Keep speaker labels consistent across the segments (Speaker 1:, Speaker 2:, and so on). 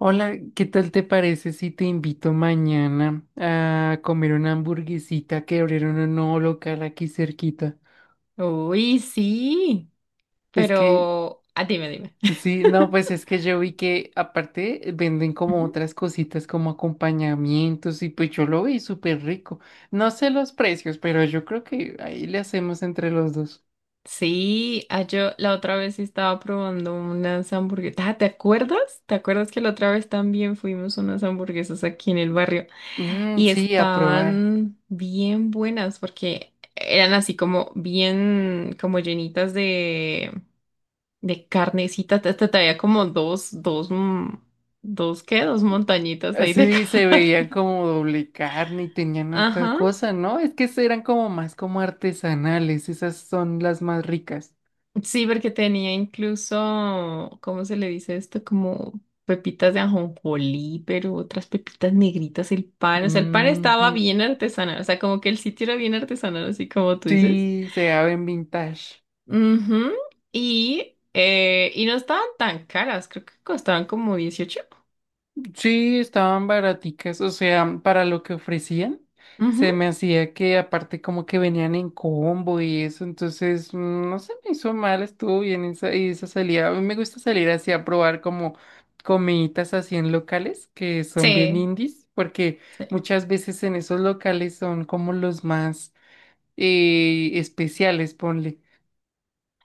Speaker 1: Hola, ¿qué tal te parece si te invito mañana a comer una hamburguesita que abrieron un nuevo local aquí cerquita?
Speaker 2: Uy, sí,
Speaker 1: Es que,
Speaker 2: pero dime, dime.
Speaker 1: sí, no, pues es que yo vi que aparte venden como
Speaker 2: Ujú.
Speaker 1: otras cositas como acompañamientos y pues yo lo vi súper rico. No sé los precios, pero yo creo que ahí le hacemos entre los dos.
Speaker 2: Sí, yo la otra vez estaba probando unas hamburguesas. Ah, ¿te acuerdas? ¿Te acuerdas que la otra vez también fuimos a unas hamburguesas aquí en el barrio?
Speaker 1: Mm,
Speaker 2: Y
Speaker 1: sí, a probar.
Speaker 2: estaban bien buenas porque eran así como bien, como llenitas de carnecita. Te había como dos, ¿qué? Dos montañitas ahí de
Speaker 1: Sí, se veían
Speaker 2: carne.
Speaker 1: como doble carne y tenían otra
Speaker 2: Ajá.
Speaker 1: cosa, ¿no? Es que eran como más como artesanales, esas son las más ricas.
Speaker 2: Sí, porque tenía incluso, ¿cómo se le dice esto? Como pepitas de ajonjolí, pero otras pepitas negritas, el pan. O sea, el pan estaba
Speaker 1: Ujú.
Speaker 2: bien artesanal. O sea, como que el sitio era bien artesanal, así como tú dices.
Speaker 1: Sí, se ven vintage.
Speaker 2: Ujú. Y no estaban tan caras, creo que costaban como 18.
Speaker 1: Sí, estaban baraticas, o sea, para lo que ofrecían, se
Speaker 2: Ujú.
Speaker 1: me hacía que aparte como que venían en combo y eso, entonces no se me hizo mal, estuvo bien esa, y esa salida. A mí me gusta salir así a probar como comiditas así en locales que son bien
Speaker 2: Sí.
Speaker 1: indies, porque
Speaker 2: Sí.
Speaker 1: muchas veces en esos locales son como los más especiales, ponle.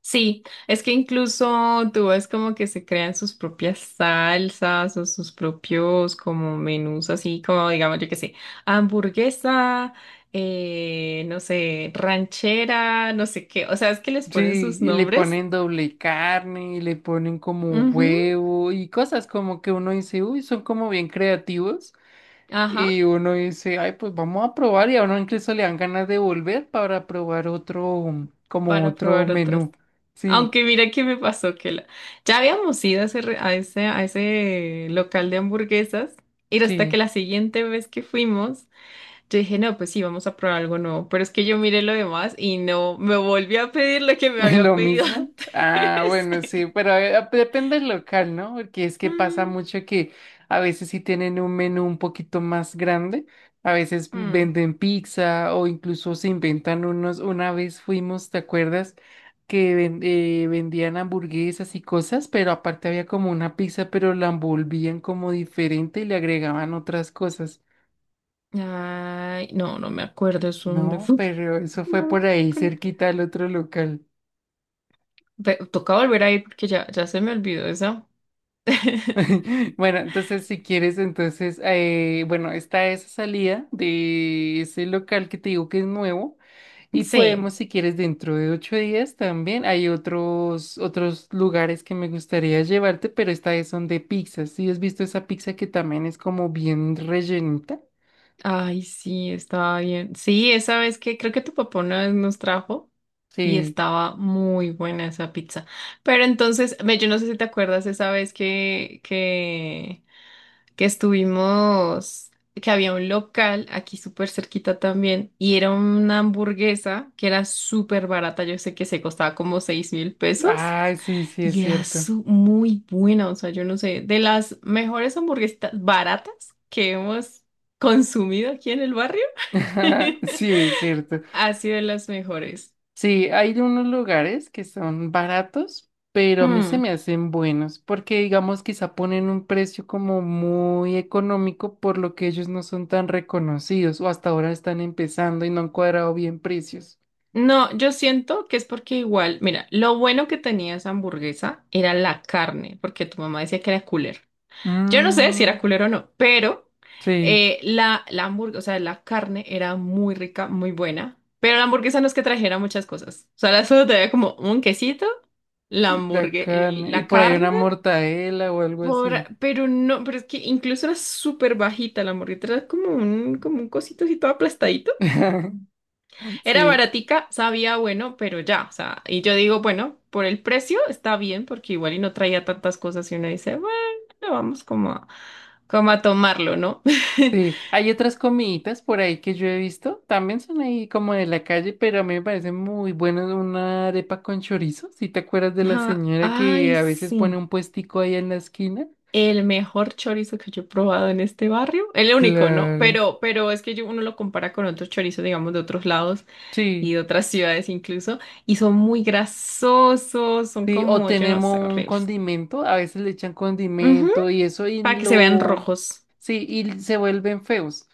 Speaker 2: Sí, es que incluso tú ves como que se crean sus propias salsas o sus propios como menús así como digamos yo qué sé, hamburguesa, no sé, ranchera, no sé qué, o sea, es que les ponen
Speaker 1: Sí,
Speaker 2: sus
Speaker 1: y le
Speaker 2: nombres,
Speaker 1: ponen doble carne, y le ponen como
Speaker 2: ujú,
Speaker 1: huevo y cosas como que uno dice, uy, son como bien creativos.
Speaker 2: ajá,
Speaker 1: Y uno dice, ay, pues vamos a probar y a uno incluso le dan ganas de volver para probar otro, como
Speaker 2: para
Speaker 1: otro
Speaker 2: probar otras.
Speaker 1: menú. Sí,
Speaker 2: Aunque mira qué me pasó que la... Ya habíamos ido a ese, a ese local de hamburguesas y hasta que
Speaker 1: sí.
Speaker 2: la siguiente vez que fuimos, yo dije, no, pues sí, vamos a probar algo nuevo. Pero es que yo miré lo demás y no, me volví a pedir lo que me había
Speaker 1: Lo
Speaker 2: pedido
Speaker 1: mismo. Ah,
Speaker 2: antes.
Speaker 1: bueno, sí, pero pues, depende del local, ¿no? Porque es que pasa
Speaker 2: Mm,
Speaker 1: mucho que a veces sí tienen un menú un poquito más grande, a veces
Speaker 2: mm.
Speaker 1: venden pizza o incluso se inventan unos. Una vez fuimos, ¿te acuerdas? Vendían hamburguesas y cosas, pero aparte había como una pizza, pero la envolvían como diferente y le agregaban otras cosas.
Speaker 2: Ay, no, no me acuerdo eso dónde
Speaker 1: No,
Speaker 2: fue.
Speaker 1: pero eso fue
Speaker 2: No,
Speaker 1: por ahí
Speaker 2: con-
Speaker 1: cerquita del otro local.
Speaker 2: Toca volver a ir porque ya se me olvidó esa.
Speaker 1: Bueno, entonces si quieres, entonces, bueno, está esa salida de ese local que te digo que es nuevo y
Speaker 2: Sí,
Speaker 1: podemos, si quieres, dentro de 8 días también. Hay otros lugares que me gustaría llevarte, pero esta vez son de pizzas. ¿Sí has visto esa pizza que también es como bien rellenita?
Speaker 2: ay, sí, estaba bien. Sí, esa vez que creo que tu papá una vez nos trajo y
Speaker 1: Sí.
Speaker 2: estaba muy buena esa pizza. Pero entonces, ve, yo no sé si te acuerdas esa vez que estuvimos, que había un local aquí súper cerquita también y era una hamburguesa que era súper barata, yo sé que se costaba como 6.000 pesos
Speaker 1: Ah, sí, sí, es
Speaker 2: y era
Speaker 1: cierto.
Speaker 2: muy buena, o sea, yo no sé, de las mejores hamburguesas baratas que hemos consumido aquí en el barrio,
Speaker 1: Sí, es cierto.
Speaker 2: ha sido de las mejores.
Speaker 1: Sí, hay unos lugares que son baratos, pero a mí se
Speaker 2: Hmm.
Speaker 1: me hacen buenos, porque digamos quizá ponen un precio como muy económico por lo que ellos no son tan reconocidos o hasta ahora están empezando y no han cuadrado bien precios.
Speaker 2: No, yo siento que es porque igual, mira, lo bueno que tenía esa hamburguesa era la carne, porque tu mamá decía que era. Yo no sé si
Speaker 1: Mm,
Speaker 2: era culero o no, pero
Speaker 1: sí,
Speaker 2: la hamburguesa, o sea, la carne era muy rica, muy buena, pero la hamburguesa no es que trajera muchas cosas. O sea, la solo te como un quesito, la
Speaker 1: la
Speaker 2: hamburgue, el-
Speaker 1: carne. Y
Speaker 2: la
Speaker 1: por ahí
Speaker 2: carne,
Speaker 1: una mortadela o algo
Speaker 2: por,
Speaker 1: así.
Speaker 2: pero no, pero es que incluso era súper bajita la hamburguesa, era como un cosito así todo aplastadito. Era
Speaker 1: Sí.
Speaker 2: baratica, sabía bueno, pero ya, o sea, y yo digo, bueno, por el precio está bien, porque igual y no traía tantas cosas y uno dice, bueno, vamos como como a tomarlo, ¿no?
Speaker 1: Sí, hay otras comiditas por ahí que yo he visto, también son ahí como de la calle, pero a mí me parece muy buena una arepa con chorizo, si te acuerdas de la
Speaker 2: Ajá,
Speaker 1: señora
Speaker 2: ay,
Speaker 1: que a veces
Speaker 2: sí,
Speaker 1: pone un puestico ahí en la esquina.
Speaker 2: el mejor chorizo que yo he probado en este barrio, el único, ¿no?
Speaker 1: Claro,
Speaker 2: Pero es que uno lo compara con otros chorizos, digamos, de otros lados y
Speaker 1: sí,
Speaker 2: de otras ciudades incluso, y son muy grasosos, son
Speaker 1: sí, o
Speaker 2: como, yo no sé,
Speaker 1: tenemos un
Speaker 2: horribles.
Speaker 1: condimento, a veces le echan
Speaker 2: Ujú.
Speaker 1: condimento y eso y
Speaker 2: Para que se vean
Speaker 1: lo,
Speaker 2: rojos.
Speaker 1: sí, y se vuelven feos.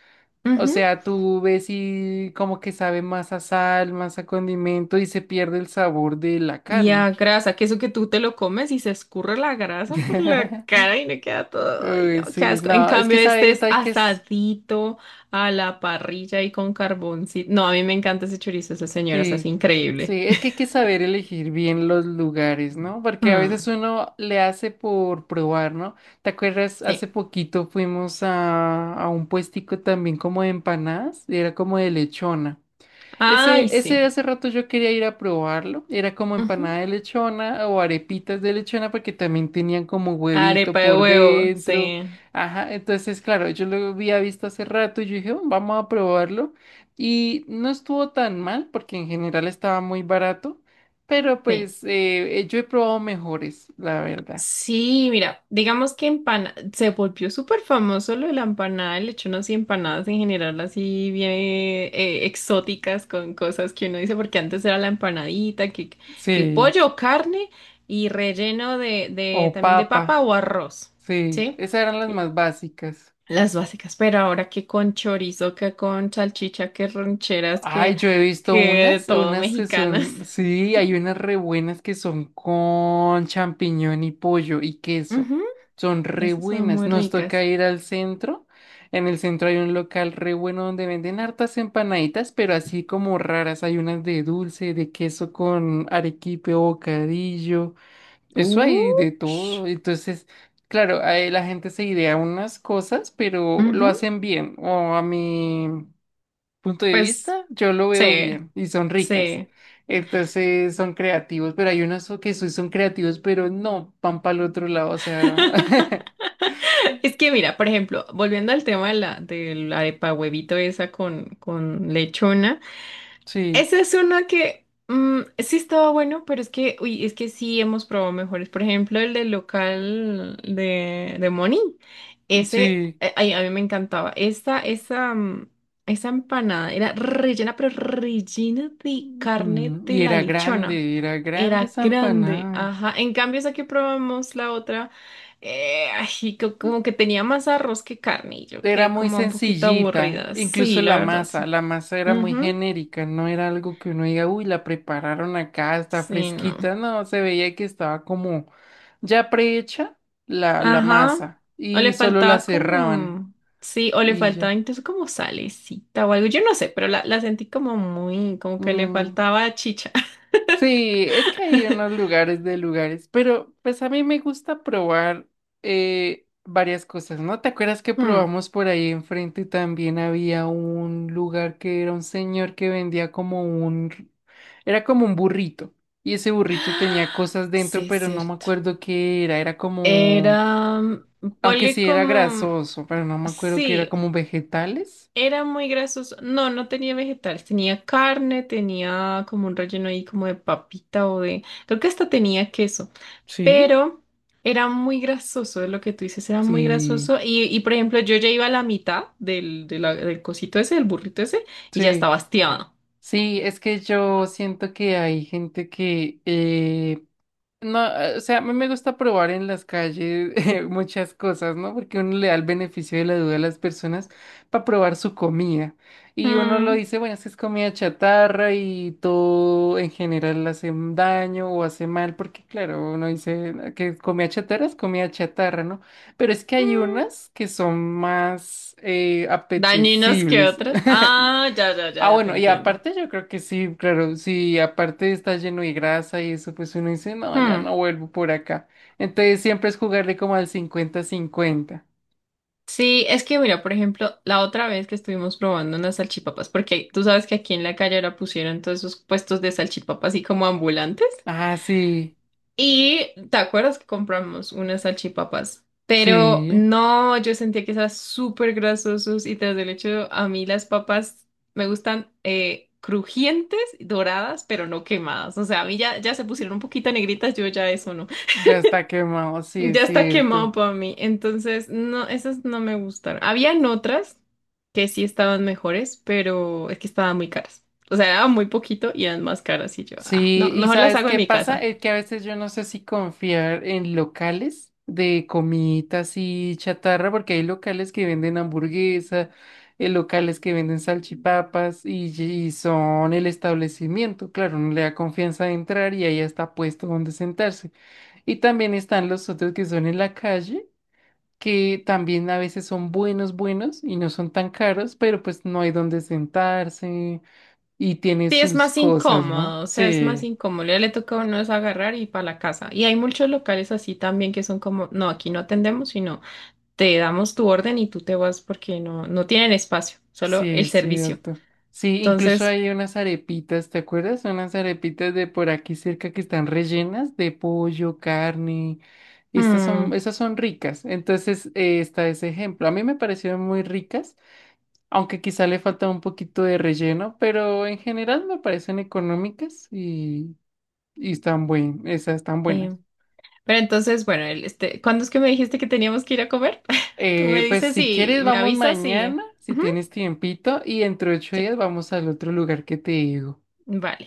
Speaker 1: O sea, tú ves y como que sabe más a sal, más a condimento y se pierde el sabor de la
Speaker 2: Ya,
Speaker 1: carne.
Speaker 2: grasa, que eso que tú te lo comes y se escurre la grasa por la cara y le queda todo. Ay,
Speaker 1: Uy,
Speaker 2: no, qué
Speaker 1: sí,
Speaker 2: asco. En
Speaker 1: no, es que
Speaker 2: cambio, este
Speaker 1: sabe que
Speaker 2: es
Speaker 1: hay que, s-
Speaker 2: asadito a la parrilla y con carboncito. No, a mí me encanta ese chorizo, esa señora, es así
Speaker 1: sí,
Speaker 2: increíble.
Speaker 1: sí, es que hay que saber elegir bien los lugares, ¿no? Porque a veces
Speaker 2: Mm,
Speaker 1: uno le hace por probar, ¿no? ¿Te acuerdas? Hace
Speaker 2: sí.
Speaker 1: poquito fuimos a un puestico también como de empanadas, y era como de lechona.
Speaker 2: Ay, sí.
Speaker 1: Ese hace rato yo quería ir a probarlo. Era como
Speaker 2: Ujú.
Speaker 1: empanada de lechona o arepitas de lechona porque también tenían como
Speaker 2: Arepa
Speaker 1: huevito
Speaker 2: de
Speaker 1: por
Speaker 2: huevo,
Speaker 1: dentro.
Speaker 2: sí.
Speaker 1: Ajá, entonces claro, yo lo había visto hace rato y yo dije, "Oh, vamos a probarlo. Y no estuvo tan mal porque en general estaba muy barato, pero
Speaker 2: Sí.
Speaker 1: pues yo he probado mejores, la verdad.
Speaker 2: Sí, mira, digamos que empana se volvió súper famoso lo de la empanada, el hecho unas empanadas en general así bien exóticas con cosas que uno dice, porque antes era la empanadita, que
Speaker 1: Sí,
Speaker 2: pollo o carne y relleno de
Speaker 1: o
Speaker 2: también de papa
Speaker 1: papa,
Speaker 2: o arroz,
Speaker 1: sí,
Speaker 2: ¿sí?
Speaker 1: esas eran las más básicas.
Speaker 2: Las básicas, pero ahora que con chorizo, que con salchicha, que rancheras,
Speaker 1: Ay, yo he visto
Speaker 2: que
Speaker 1: unas,
Speaker 2: todo
Speaker 1: unas que
Speaker 2: mexicanas.
Speaker 1: son, sí, hay unas re buenas que son con champiñón y pollo y queso.
Speaker 2: Ujú,
Speaker 1: Son re
Speaker 2: esas son
Speaker 1: buenas.
Speaker 2: muy
Speaker 1: Nos toca
Speaker 2: ricas.
Speaker 1: ir al centro. En el centro hay un local re bueno donde venden hartas empanaditas, pero así como raras. Hay unas de dulce, de queso con arequipe o bocadillo. Eso hay de todo.
Speaker 2: Ush.
Speaker 1: Entonces, claro, ahí la gente se idea unas cosas, pero lo
Speaker 2: Ujú.
Speaker 1: hacen bien. O a mí punto de
Speaker 2: Pues
Speaker 1: vista, yo lo
Speaker 2: sí,
Speaker 1: veo bien y son ricas.
Speaker 2: sí.
Speaker 1: Entonces son creativos, pero hay unos que sí son creativos, pero no van para el otro lado, o sea,
Speaker 2: Es que mira, por ejemplo, volviendo al tema de la arepa huevito esa con lechona.
Speaker 1: sí,
Speaker 2: Esa es una que sí estaba bueno, pero es que, uy, es que sí hemos probado mejores. Por ejemplo, el del local de Moni. Ese,
Speaker 1: sí.
Speaker 2: ay, a mí me encantaba. Esa empanada era rellena, pero rellena de carne
Speaker 1: Mm,
Speaker 2: de
Speaker 1: y
Speaker 2: la lechona.
Speaker 1: era grande
Speaker 2: Era
Speaker 1: esa
Speaker 2: grande,
Speaker 1: empanada.
Speaker 2: ajá. En cambio, esa que probamos, la otra, ay, como que tenía más arroz que carne. Y yo
Speaker 1: Era
Speaker 2: quedé
Speaker 1: muy
Speaker 2: como un poquito
Speaker 1: sencillita,
Speaker 2: aburrida.
Speaker 1: incluso
Speaker 2: Sí, la verdad, sí.
Speaker 1: la masa era muy
Speaker 2: Ujú.
Speaker 1: genérica, no era algo que uno diga, uy, la prepararon acá, está
Speaker 2: Sí, no.
Speaker 1: fresquita, no, se veía que estaba como ya prehecha la
Speaker 2: Ajá.
Speaker 1: masa
Speaker 2: O
Speaker 1: y
Speaker 2: le
Speaker 1: solo la
Speaker 2: faltaba
Speaker 1: cerraban.
Speaker 2: como, sí, o le
Speaker 1: Y
Speaker 2: faltaba
Speaker 1: ya.
Speaker 2: incluso como salecita o algo, yo no sé, pero la sentí como muy, como que le
Speaker 1: Mm,
Speaker 2: faltaba chicha.
Speaker 1: sí, es que hay unos lugares de lugares, pero pues a mí me gusta probar varias cosas, ¿no? ¿Te acuerdas que
Speaker 2: Hmm.
Speaker 1: probamos por ahí enfrente también había un lugar que era un señor que vendía como un, r- era como un burrito y ese burrito tenía cosas dentro,
Speaker 2: Sí, es
Speaker 1: pero no me
Speaker 2: cierto.
Speaker 1: acuerdo qué era, era como,
Speaker 2: Era,
Speaker 1: aunque
Speaker 2: ponle
Speaker 1: sí era
Speaker 2: como,
Speaker 1: grasoso, pero no me acuerdo qué era
Speaker 2: sí,
Speaker 1: como vegetales.
Speaker 2: era muy grasoso. No, no tenía vegetales. Tenía carne, tenía como un relleno ahí como de papita o de... Creo que hasta tenía queso.
Speaker 1: Sí,
Speaker 2: Pero era muy grasoso, es lo que tú dices, era muy
Speaker 1: sí,
Speaker 2: grasoso. Por ejemplo, yo ya iba a la mitad del cosito ese, del burrito ese, y ya
Speaker 1: sí.
Speaker 2: estaba hastiado.
Speaker 1: Sí, es que yo siento que hay gente que, no, o sea, a mí me gusta probar en las calles muchas cosas, ¿no? Porque uno le da el beneficio de la duda a las personas para probar su comida. Y uno lo
Speaker 2: Mm,
Speaker 1: dice, bueno, es que es comida chatarra y todo en general hace un daño o hace mal, porque claro, uno dice "Ah, que comida chatarra es comida chatarra, ¿no? Pero es que hay
Speaker 2: mm.
Speaker 1: unas que son más
Speaker 2: Dañinos que
Speaker 1: apetecibles.
Speaker 2: otras. Ah, ya, ya, ya,
Speaker 1: Ah,
Speaker 2: ya te
Speaker 1: bueno, y
Speaker 2: entiendo.
Speaker 1: aparte yo creo que sí, claro, sí, aparte está lleno de grasa y eso, pues uno dice, no, ya
Speaker 2: Mm.
Speaker 1: no vuelvo por acá. Entonces siempre es jugarle como al 50-50.
Speaker 2: Sí, es que mira, por ejemplo, la otra vez que estuvimos probando unas salchipapas, porque tú sabes que aquí en la calle ahora pusieron todos esos puestos de salchipapas así como ambulantes.
Speaker 1: Ah, sí,
Speaker 2: Y te acuerdas que compramos unas salchipapas, pero
Speaker 1: sí,
Speaker 2: no, yo sentía que eran súper grasosos y tras el hecho, a mí las papas me gustan crujientes, doradas, pero no quemadas. O sea, a mí ya, ya se pusieron un poquito negritas, yo ya eso no.
Speaker 1: ya está quemado, sí,
Speaker 2: Ya
Speaker 1: es
Speaker 2: está quemado
Speaker 1: cierto.
Speaker 2: para mí. Entonces, no, esas no me gustaron. Habían otras que sí estaban mejores, pero es que estaban muy caras. O sea, daban muy poquito y eran más caras. Y yo, ay,
Speaker 1: Sí,
Speaker 2: no,
Speaker 1: y
Speaker 2: mejor las
Speaker 1: ¿sabes
Speaker 2: hago en
Speaker 1: qué
Speaker 2: mi
Speaker 1: pasa?
Speaker 2: casa.
Speaker 1: Es que a veces yo no sé si confiar en locales de comiditas y chatarra, porque hay locales que venden hamburguesa, locales que venden salchipapas y son el establecimiento. Claro, no le da confianza de entrar y ahí está puesto donde sentarse. Y también están los otros que son en la calle, que también a veces son buenos, buenos y no son tan caros, pero pues no hay donde sentarse y tiene
Speaker 2: Sí, es
Speaker 1: sus
Speaker 2: más
Speaker 1: cosas, ¿no?
Speaker 2: incómodo, o sea, es más
Speaker 1: Sí.
Speaker 2: incómodo. Ya le toca a uno es agarrar y para la casa. Y hay muchos locales así también que son como, no, aquí no atendemos, sino te damos tu orden y tú te vas porque no, no tienen espacio,
Speaker 1: Sí,
Speaker 2: solo el
Speaker 1: es
Speaker 2: servicio.
Speaker 1: cierto. Sí, incluso
Speaker 2: Entonces,
Speaker 1: hay unas arepitas, ¿te acuerdas? Unas arepitas de por aquí cerca que están rellenas de pollo, carne. Estas son,
Speaker 2: hmm,
Speaker 1: esas son ricas. Entonces, está ese ejemplo. A mí me parecieron muy ricas, aunque quizá le falta un poquito de relleno, pero en general me parecen económicas y están buen, esas están
Speaker 2: sí.
Speaker 1: buenas.
Speaker 2: Pero entonces, bueno, el- este, ¿cuándo es que me dijiste que teníamos que ir a comer? Tú me
Speaker 1: Pues
Speaker 2: dices
Speaker 1: si
Speaker 2: y
Speaker 1: quieres,
Speaker 2: me
Speaker 1: vamos
Speaker 2: avisas y...
Speaker 1: mañana, si
Speaker 2: Ujú,
Speaker 1: tienes tiempito, y entre ocho
Speaker 2: sí,
Speaker 1: días vamos al otro lugar que te digo.
Speaker 2: vale.